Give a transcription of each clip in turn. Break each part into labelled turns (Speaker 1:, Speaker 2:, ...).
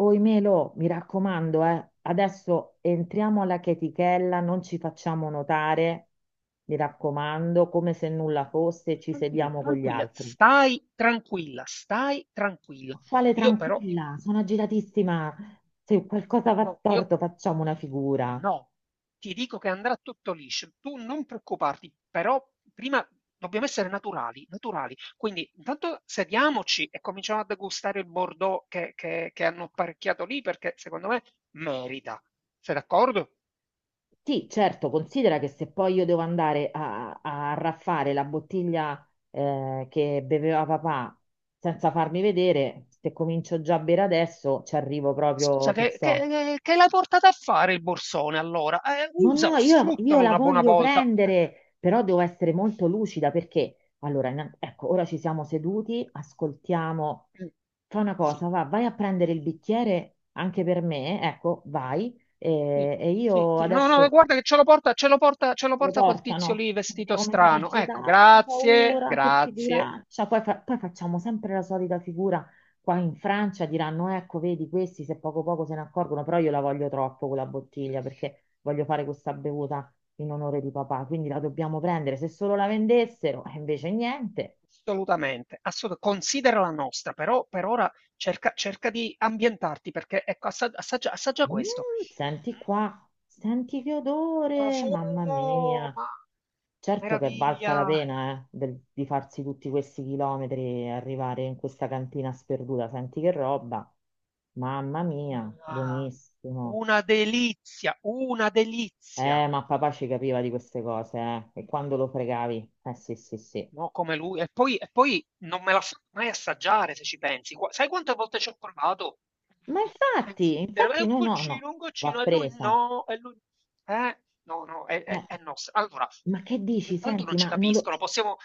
Speaker 1: Oi Melo, mi raccomando, adesso entriamo alla chetichella, non ci facciamo notare, mi raccomando, come se nulla fosse, ci
Speaker 2: Tranquilla,
Speaker 1: sediamo con gli
Speaker 2: tranquilla,
Speaker 1: altri.
Speaker 2: stai tranquilla, stai tranquilla.
Speaker 1: Quale
Speaker 2: Io però,
Speaker 1: tranquilla, sono agitatissima. Se qualcosa va
Speaker 2: no, io
Speaker 1: storto, facciamo una figura.
Speaker 2: no, ti dico che andrà tutto liscio, tu non preoccuparti, però prima dobbiamo essere naturali, naturali. Quindi intanto sediamoci e cominciamo a degustare il Bordeaux che hanno apparecchiato lì perché secondo me merita. Sei d'accordo?
Speaker 1: Sì, certo, considera che se poi io devo andare a raffare la bottiglia che beveva papà senza farmi vedere, se comincio già a bere adesso, ci arrivo proprio,
Speaker 2: Scusa,
Speaker 1: che
Speaker 2: che,
Speaker 1: so.
Speaker 2: che- che l'hai portata a fare il borsone allora?
Speaker 1: No, no,
Speaker 2: Usalo,
Speaker 1: io
Speaker 2: sfruttalo
Speaker 1: la
Speaker 2: una buona
Speaker 1: voglio
Speaker 2: volta.
Speaker 1: prendere, però devo essere molto lucida perché, allora, ecco, ora ci siamo seduti, ascoltiamo.
Speaker 2: Eh,
Speaker 1: Fa una
Speaker 2: sì.
Speaker 1: cosa, va, vai a prendere il bicchiere anche per me, ecco, vai,
Speaker 2: Sì,
Speaker 1: e
Speaker 2: sì,
Speaker 1: io
Speaker 2: sì. No, no,
Speaker 1: adesso
Speaker 2: guarda che ce lo porta, ce lo porta, ce lo
Speaker 1: lo
Speaker 2: porta quel tizio
Speaker 1: portano.
Speaker 2: lì
Speaker 1: Oddio,
Speaker 2: vestito
Speaker 1: come sono
Speaker 2: strano. Ecco,
Speaker 1: agitata, ho
Speaker 2: grazie,
Speaker 1: paura, che
Speaker 2: grazie.
Speaker 1: figuraccia. Poi, poi facciamo sempre la solita figura. Qua in Francia diranno, ecco, vedi, questi se poco poco se ne accorgono, però io la voglio troppo quella bottiglia perché voglio fare questa bevuta in onore di papà, quindi la dobbiamo prendere. Se solo la vendessero, e invece niente.
Speaker 2: Assolutamente, considera la nostra, però per ora cerca di ambientarti perché ecco, assaggia, assaggia
Speaker 1: Mm,
Speaker 2: questo. Mm,
Speaker 1: senti qua, senti che odore, mamma
Speaker 2: profumo,
Speaker 1: mia.
Speaker 2: ma
Speaker 1: Certo che è valsa la
Speaker 2: meraviglia,
Speaker 1: pena, di farsi tutti questi chilometri e arrivare in questa cantina sperduta. Senti che roba. Mamma mia,
Speaker 2: ah,
Speaker 1: buonissimo.
Speaker 2: una delizia, una delizia.
Speaker 1: Ma papà ci capiva di queste cose, eh. E quando lo fregavi? Eh sì, sì, sì.
Speaker 2: No, come lui. E poi non me la fa mai assaggiare, se ci pensi. Qua- sai quante volte ci ho provato
Speaker 1: Ma
Speaker 2: a
Speaker 1: infatti,
Speaker 2: insistere? È
Speaker 1: infatti
Speaker 2: un
Speaker 1: no, no, no,
Speaker 2: goccino, un
Speaker 1: va
Speaker 2: goccino.
Speaker 1: presa.
Speaker 2: E lui... no, no, è, è,
Speaker 1: Eh,
Speaker 2: è no. Allora,
Speaker 1: ma che dici?
Speaker 2: tanto
Speaker 1: Senti,
Speaker 2: non ci
Speaker 1: ma, non lo-
Speaker 2: capiscono. Possiamo...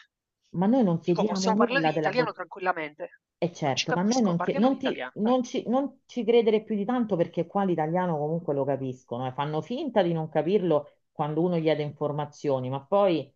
Speaker 1: ma noi non
Speaker 2: Dico,
Speaker 1: chiediamo
Speaker 2: possiamo parlare
Speaker 1: nulla
Speaker 2: in
Speaker 1: della
Speaker 2: italiano
Speaker 1: bolletta.
Speaker 2: tranquillamente.
Speaker 1: E
Speaker 2: Non ci
Speaker 1: certo, ma a me
Speaker 2: capiscono, parliamo in italiano. Vai.
Speaker 1: non ci credere più di tanto perché qua l'italiano comunque lo capiscono e fanno finta di non capirlo quando uno chiede informazioni, ma poi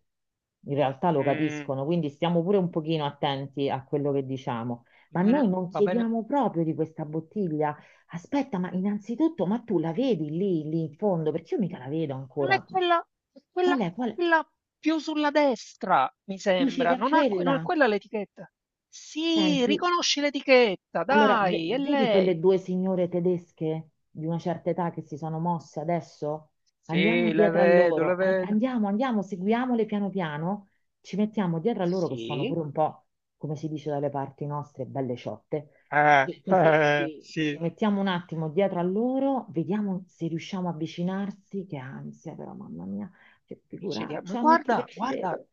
Speaker 1: in realtà lo
Speaker 2: Mm,
Speaker 1: capiscono, quindi stiamo pure un pochino attenti a quello che diciamo.
Speaker 2: va
Speaker 1: Ma
Speaker 2: bene,
Speaker 1: noi non
Speaker 2: va bene.
Speaker 1: chiediamo proprio di questa bottiglia. Aspetta, ma innanzitutto, ma tu la vedi lì in fondo? Perché io mica la vedo
Speaker 2: Non è
Speaker 1: ancora.
Speaker 2: quella, è quella,
Speaker 1: Qual è? Qual è?
Speaker 2: quella più sulla destra, mi
Speaker 1: Dici
Speaker 2: sembra.
Speaker 1: che è
Speaker 2: Non, ha non è
Speaker 1: quella?
Speaker 2: quella l'etichetta. Sì,
Speaker 1: Senti,
Speaker 2: riconosci l'etichetta,
Speaker 1: allora,
Speaker 2: dai, è
Speaker 1: vedi
Speaker 2: lei.
Speaker 1: quelle due signore tedesche di una certa età che si sono mosse adesso? Andiamo
Speaker 2: Sì, le
Speaker 1: dietro a
Speaker 2: vedo, le
Speaker 1: loro,
Speaker 2: vedo.
Speaker 1: andiamo, andiamo, seguiamole piano piano, ci mettiamo dietro a loro che sono
Speaker 2: Sì.
Speaker 1: pure un po', come si dice dalle parti nostre, belle ciotte. E così ci
Speaker 2: Sì.
Speaker 1: mettiamo un attimo dietro a loro, vediamo se riusciamo a avvicinarsi, che ansia però, mamma mia, che
Speaker 2: Dice, dia- ma
Speaker 1: figuraccia, metti che
Speaker 2: guarda,
Speaker 1: ci
Speaker 2: guarda,
Speaker 1: vedo.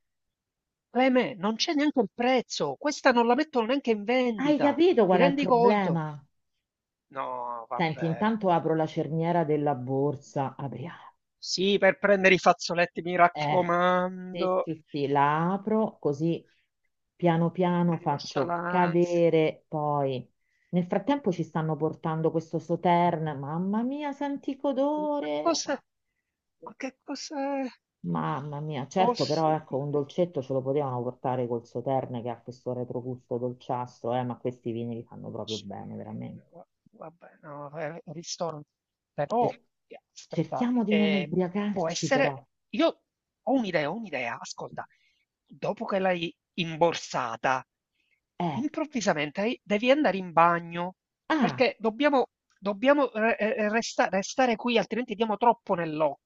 Speaker 2: Cleme, non c'è neanche il prezzo. Questa non la mettono neanche in
Speaker 1: Hai
Speaker 2: vendita.
Speaker 1: capito
Speaker 2: Ti
Speaker 1: qual è il
Speaker 2: rendi conto?
Speaker 1: problema?
Speaker 2: No,
Speaker 1: Senti,
Speaker 2: vabbè.
Speaker 1: intanto apro la cerniera della borsa. Apriamo.
Speaker 2: Sì, per prendere i fazzoletti, mi
Speaker 1: Eh, sì,
Speaker 2: raccomando,
Speaker 1: sì, sì, la apro così piano piano
Speaker 2: con
Speaker 1: faccio
Speaker 2: nonchalance.
Speaker 1: cadere poi. Nel frattempo ci stanno portando questo Sautern. Mamma mia, senti che
Speaker 2: Un
Speaker 1: odore!
Speaker 2: qualcosa, ma che cos'è?
Speaker 1: Mamma mia,
Speaker 2: Oh
Speaker 1: certo, però ecco,
Speaker 2: signore.
Speaker 1: un dolcetto ce lo potevano portare col Sauterne che ha questo retrogusto dolciastro, ma questi vini li fanno proprio bene, veramente.
Speaker 2: Vabbè, no, ristorante. Però,
Speaker 1: Cer-
Speaker 2: aspetta,
Speaker 1: cerchiamo di non
Speaker 2: può
Speaker 1: ubriacarci, però.
Speaker 2: essere... Io ho un'idea, ascolta. Dopo che l'hai imborsata,
Speaker 1: Eh.
Speaker 2: improvvisamente devi andare in bagno,
Speaker 1: Ah,
Speaker 2: perché dobbiamo, restare qui, altrimenti diamo troppo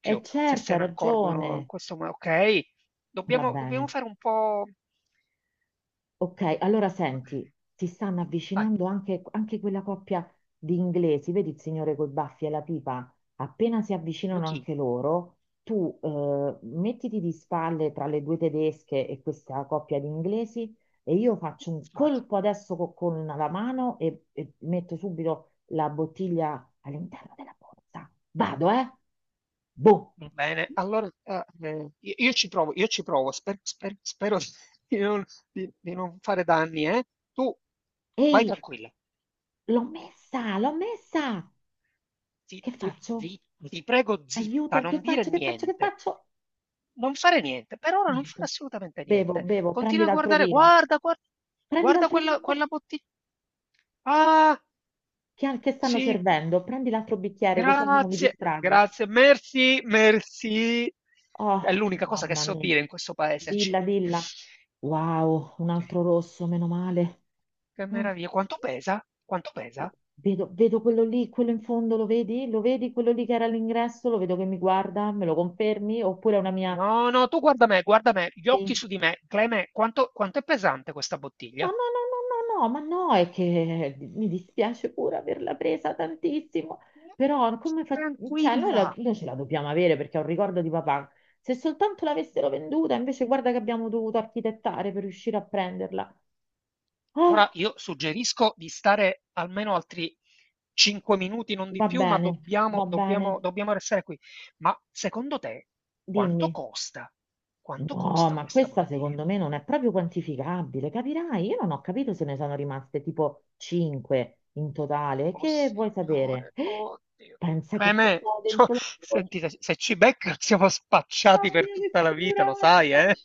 Speaker 1: è
Speaker 2: se
Speaker 1: certo,
Speaker 2: se
Speaker 1: hai
Speaker 2: ne accorgono in
Speaker 1: ragione.
Speaker 2: questo modo. Ok?
Speaker 1: Va
Speaker 2: Dobbiamo, dobbiamo
Speaker 1: bene.
Speaker 2: fare un po'...
Speaker 1: Ok, allora
Speaker 2: Va
Speaker 1: senti,
Speaker 2: bene,
Speaker 1: si stanno
Speaker 2: vai,
Speaker 1: avvicinando anche quella coppia di inglesi, vedi il signore coi baffi e la pipa? Appena si avvicinano anche loro, tu mettiti di spalle tra le due tedesche e questa coppia di inglesi e io faccio un
Speaker 2: giochino.
Speaker 1: colpo adesso con la mano e metto subito la bottiglia all'interno della borsa. Vado, eh? Boh.
Speaker 2: Bene, allora ah, io ci provo, io ci provo, spero di non, di non fare danni, eh. Tu vai
Speaker 1: Ehi!
Speaker 2: tranquilla,
Speaker 1: L'ho messa, l'ho messa! Che
Speaker 2: zitta, zitta,
Speaker 1: faccio?
Speaker 2: zitta, ti prego zitta,
Speaker 1: Aiuto, che
Speaker 2: non dire
Speaker 1: faccio, che faccio, che
Speaker 2: niente,
Speaker 1: faccio?
Speaker 2: non fare niente, per ora non fare
Speaker 1: Niente.
Speaker 2: assolutamente
Speaker 1: Bevo,
Speaker 2: niente.
Speaker 1: bevo, prendi
Speaker 2: Continua a
Speaker 1: l'altro
Speaker 2: guardare,
Speaker 1: vino.
Speaker 2: guarda, guarda,
Speaker 1: Prendi
Speaker 2: guarda
Speaker 1: l'altro
Speaker 2: quella,
Speaker 1: vino
Speaker 2: quella bottiglia. Ah,
Speaker 1: che stanno
Speaker 2: sì,
Speaker 1: servendo. Prendi l'altro bicchiere, così almeno mi
Speaker 2: grazie,
Speaker 1: distraggo.
Speaker 2: grazie, merci, merci.
Speaker 1: Oh,
Speaker 2: È l'unica cosa che
Speaker 1: mamma
Speaker 2: so
Speaker 1: mia.
Speaker 2: dire in questo paese,
Speaker 1: Dilla,
Speaker 2: accidenti.
Speaker 1: dilla. Wow, un
Speaker 2: Ok.
Speaker 1: altro rosso, meno male.
Speaker 2: Che
Speaker 1: Mm.
Speaker 2: meraviglia. Quanto pesa? Quanto pesa?
Speaker 1: Vedo, vedo quello lì, quello in fondo, lo vedi? Lo vedi quello lì che era all'ingresso? Lo vedo che mi guarda, me lo confermi? Oppure è una mia...
Speaker 2: No, no, tu guarda me, gli occhi
Speaker 1: Sì.
Speaker 2: su di me. Cleme, quanto, quanto è pesante questa
Speaker 1: No,
Speaker 2: bottiglia?
Speaker 1: no, no, no, no, no, ma no, è che mi dispiace pure averla presa tantissimo,
Speaker 2: No,
Speaker 1: però come fa... cioè, noi,
Speaker 2: tranquilla.
Speaker 1: noi ce la dobbiamo avere perché è un ricordo di papà. Se soltanto l'avessero venduta, invece guarda che abbiamo dovuto architettare per riuscire a prenderla. Ah,
Speaker 2: Ora io suggerisco di stare almeno altri 5 minuti, non di più, ma
Speaker 1: va
Speaker 2: dobbiamo,
Speaker 1: bene,
Speaker 2: dobbiamo, dobbiamo restare qui. Ma secondo te quanto
Speaker 1: dimmi.
Speaker 2: costa? Quanto
Speaker 1: No,
Speaker 2: costa
Speaker 1: ma
Speaker 2: questa
Speaker 1: questa
Speaker 2: bottiglia?
Speaker 1: secondo me non è proprio quantificabile, capirai? Io non ho capito se ne sono rimaste tipo 5 in totale.
Speaker 2: Oh
Speaker 1: Che vuoi sapere?
Speaker 2: signore, oddio.
Speaker 1: Pensa che cosa
Speaker 2: Clemè,
Speaker 1: ho
Speaker 2: cioè,
Speaker 1: dentro la.
Speaker 2: senti, se ci beccano siamo
Speaker 1: Ma
Speaker 2: spacciati per
Speaker 1: che
Speaker 2: tutta la vita, lo sai,
Speaker 1: figuraccia!
Speaker 2: eh?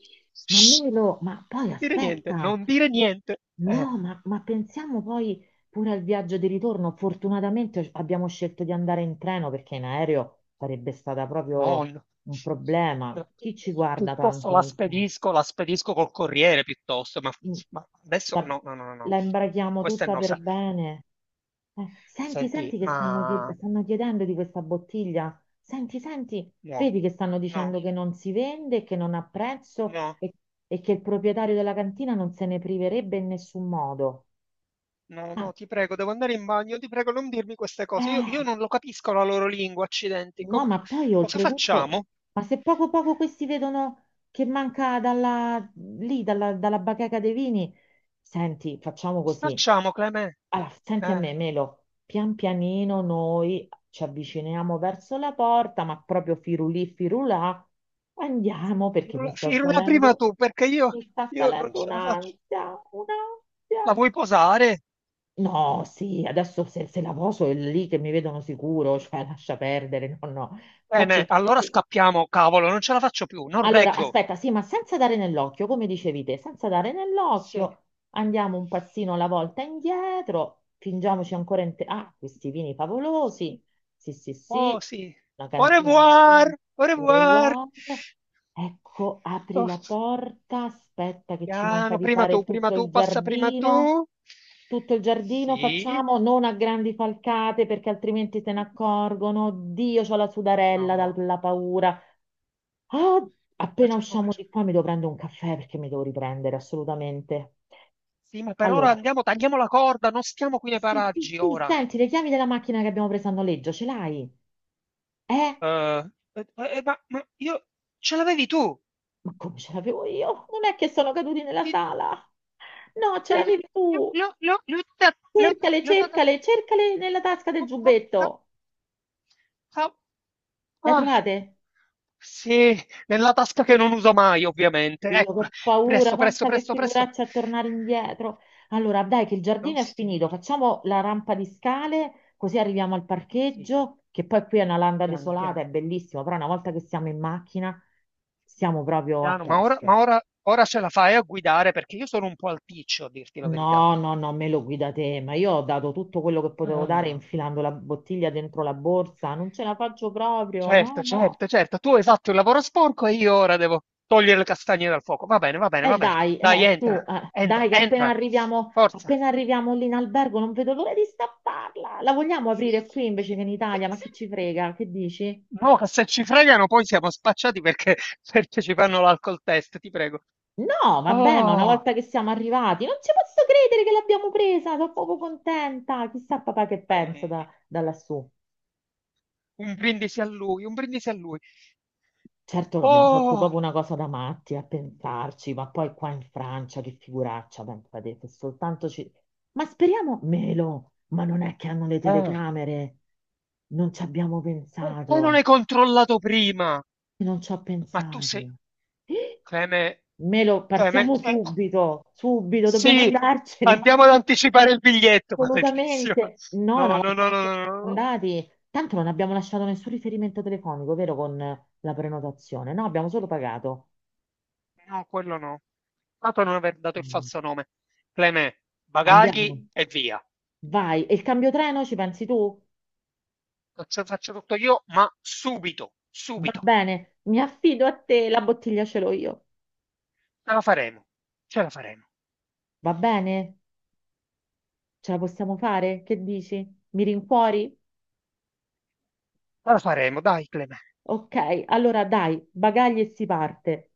Speaker 1: Ma
Speaker 2: Shh.
Speaker 1: Melo, ma poi
Speaker 2: Non dire niente,
Speaker 1: aspetta,
Speaker 2: non dire niente.
Speaker 1: no, ma pensiamo poi pure al viaggio di ritorno. Fortunatamente abbiamo scelto di andare in treno perché in aereo sarebbe stata proprio
Speaker 2: Nonno.
Speaker 1: un problema.
Speaker 2: Eh,
Speaker 1: Chi ci guarda
Speaker 2: Piuttosto
Speaker 1: tanto nel treno?
Speaker 2: la spedisco col corriere, piuttosto.
Speaker 1: Mm,
Speaker 2: Ma adesso
Speaker 1: la,
Speaker 2: no, no, no, no, no.
Speaker 1: la imbraghiamo
Speaker 2: Questa è
Speaker 1: tutta
Speaker 2: no.
Speaker 1: per
Speaker 2: sa-
Speaker 1: bene. Senti,
Speaker 2: Senti,
Speaker 1: senti che stanno,
Speaker 2: ma...
Speaker 1: stanno chiedendo di questa bottiglia. Senti, senti,
Speaker 2: No,
Speaker 1: vedi che stanno
Speaker 2: no,
Speaker 1: dicendo che non si vende, che non ha prezzo
Speaker 2: no.
Speaker 1: e che il proprietario della cantina non se ne priverebbe in nessun modo.
Speaker 2: No, no,
Speaker 1: Ma,
Speaker 2: ti prego, devo andare in bagno, ti prego, non dirmi queste cose. Io
Speaker 1: eh,
Speaker 2: non lo capisco la loro lingua, accidenti.
Speaker 1: no,
Speaker 2: Come-
Speaker 1: ma poi
Speaker 2: cosa
Speaker 1: oltretutto,
Speaker 2: facciamo?
Speaker 1: ma se poco poco questi vedono che manca dalla bacheca dei vini, senti, facciamo
Speaker 2: Cosa
Speaker 1: così.
Speaker 2: facciamo, Clemè?
Speaker 1: Allora, senti a
Speaker 2: Eh,
Speaker 1: me, Melo, pian pianino noi ci avviciniamo verso la porta, ma proprio firulì, firulà,
Speaker 2: Sì.
Speaker 1: andiamo perché
Speaker 2: Firula, firula prima tu, perché
Speaker 1: mi sta
Speaker 2: io non
Speaker 1: salendo
Speaker 2: ce la faccio.
Speaker 1: un'ansia,
Speaker 2: La
Speaker 1: un'ansia.
Speaker 2: vuoi posare?
Speaker 1: No, sì, adesso se la poso è lì che mi vedono sicuro, cioè lascia perdere, no, no, faccio...
Speaker 2: Bene, allora scappiamo, cavolo, non ce la faccio più, non
Speaker 1: Allora,
Speaker 2: reggo.
Speaker 1: aspetta, sì, ma senza dare nell'occhio, come dicevi te, senza dare
Speaker 2: Sì.
Speaker 1: nell'occhio, andiamo un passino alla volta indietro, fingiamoci ancora in te... Ah, questi vini favolosi,
Speaker 2: Sì.
Speaker 1: sì, sì, sì,
Speaker 2: Oh, sì.
Speaker 1: una
Speaker 2: Au
Speaker 1: cantina
Speaker 2: revoir, au revoir.
Speaker 1: meravigliosa. Ecco, apri
Speaker 2: Oh.
Speaker 1: la porta, aspetta che ci manca
Speaker 2: Piano,
Speaker 1: di fare
Speaker 2: prima
Speaker 1: tutto
Speaker 2: tu,
Speaker 1: il
Speaker 2: passa prima
Speaker 1: giardino.
Speaker 2: tu.
Speaker 1: Tutto il giardino
Speaker 2: Sì.
Speaker 1: facciamo, non a grandi falcate perché altrimenti se ne accorgono. Dio, c'ho la sudarella
Speaker 2: No.
Speaker 1: dalla paura.
Speaker 2: C'ho
Speaker 1: Ah,
Speaker 2: paura,
Speaker 1: appena
Speaker 2: c'ho
Speaker 1: usciamo
Speaker 2: paura, c'ho paura.
Speaker 1: di qua mi devo prendere un caffè perché mi devo riprendere assolutamente.
Speaker 2: Sì, ma per ora
Speaker 1: Allora,
Speaker 2: andiamo, tagliamo la corda, non stiamo qui nei
Speaker 1: sì, sì,
Speaker 2: paraggi
Speaker 1: sì,
Speaker 2: ora.
Speaker 1: senti, le chiavi della macchina che abbiamo preso a noleggio, ce l'hai? Eh?
Speaker 2: Eh, ma io ce l'avevi tu.
Speaker 1: Ma come ce l'avevo io? Non è che sono caduti nella
Speaker 2: Ti-
Speaker 1: sala. No, ce
Speaker 2: eh,
Speaker 1: l'avevi tu. Cercale,
Speaker 2: l'ho data-
Speaker 1: cercale, cercale nella tasca del
Speaker 2: Oh, oh, oh,
Speaker 1: giubbetto.
Speaker 2: oh.
Speaker 1: La
Speaker 2: Ah,
Speaker 1: trovate?
Speaker 2: sì, nella tasca che non uso mai, ovviamente.
Speaker 1: Io che
Speaker 2: Ecco,
Speaker 1: ho paura,
Speaker 2: presto, presto,
Speaker 1: pensa che
Speaker 2: presto, presto.
Speaker 1: figuraccia a tornare indietro. Allora, dai, che il
Speaker 2: No,
Speaker 1: giardino è finito,
Speaker 2: signor.
Speaker 1: facciamo la rampa di scale, così arriviamo al
Speaker 2: Sì.
Speaker 1: parcheggio, che poi qui è una landa
Speaker 2: Piano,
Speaker 1: desolata,
Speaker 2: piano,
Speaker 1: è bellissimo, però una volta che siamo in macchina siamo proprio a
Speaker 2: piano,
Speaker 1: posto.
Speaker 2: ma ora, ora ce la fai a guidare perché io sono un po' alticcio, a dirti la verità.
Speaker 1: No, no, no, me lo guida te, ma io ho dato tutto quello che potevo dare
Speaker 2: Ah,
Speaker 1: infilando la bottiglia dentro la borsa, non ce la faccio proprio, no,
Speaker 2: certo,
Speaker 1: no.
Speaker 2: certo, certo, tu hai fatto il lavoro sporco e io ora devo togliere le castagne dal fuoco. Va bene, va bene, va bene.
Speaker 1: Dai,
Speaker 2: Dai,
Speaker 1: tu,
Speaker 2: entra, entra,
Speaker 1: dai, che
Speaker 2: entra. Forza.
Speaker 1: appena arriviamo lì in albergo non vedo l'ora di stapparla. La vogliamo aprire qui invece che in Italia? Ma che ci frega? Che dici?
Speaker 2: No, che se ci fregano poi siamo spacciati perché, perché ci fanno l'alcol test, ti prego.
Speaker 1: No, vabbè, ma una
Speaker 2: Oh,
Speaker 1: volta che siamo arrivati, non ci posso credere che l'abbiamo presa, sono proprio contenta. Chissà papà che pensa da,
Speaker 2: eh,
Speaker 1: da lassù.
Speaker 2: un brindisi a lui, un brindisi a lui.
Speaker 1: Certo che abbiamo fatto
Speaker 2: Oh,
Speaker 1: proprio una cosa da matti a pensarci, ma poi qua in Francia che figuraccia, pensate, se soltanto ci... Ma speriamo meno, ma non è che hanno le
Speaker 2: ah.
Speaker 1: telecamere, non ci abbiamo
Speaker 2: Perché non
Speaker 1: pensato,
Speaker 2: hai controllato prima?
Speaker 1: non ci ho
Speaker 2: Ma tu sei...
Speaker 1: pensato.
Speaker 2: Cleme...
Speaker 1: Melo,
Speaker 2: Cleme...
Speaker 1: partiamo subito, subito, dobbiamo
Speaker 2: sì,
Speaker 1: andarcene,
Speaker 2: andiamo ad anticipare il biglietto, maledizione.
Speaker 1: assolutamente. No, no,
Speaker 2: No,
Speaker 1: ma
Speaker 2: no, no, no,
Speaker 1: siamo
Speaker 2: no, no, no,
Speaker 1: andati, tanto non abbiamo lasciato nessun riferimento telefonico, vero, con la prenotazione, no, abbiamo solo pagato.
Speaker 2: no, quello no. Dato non aver dato il falso nome. Cleme, bagagli
Speaker 1: Andiamo,
Speaker 2: e via.
Speaker 1: vai. E il cambio treno ci pensi tu?
Speaker 2: Lo faccio tutto io, ma subito,
Speaker 1: Va
Speaker 2: subito.
Speaker 1: bene, mi affido a te, la bottiglia ce l'ho io.
Speaker 2: Ce la faremo, ce la faremo,
Speaker 1: Va bene? Ce la possiamo fare? Che dici? Mi rincuori?
Speaker 2: ce la faremo, dai, Cleme.
Speaker 1: Ok, allora dai, bagagli e si parte.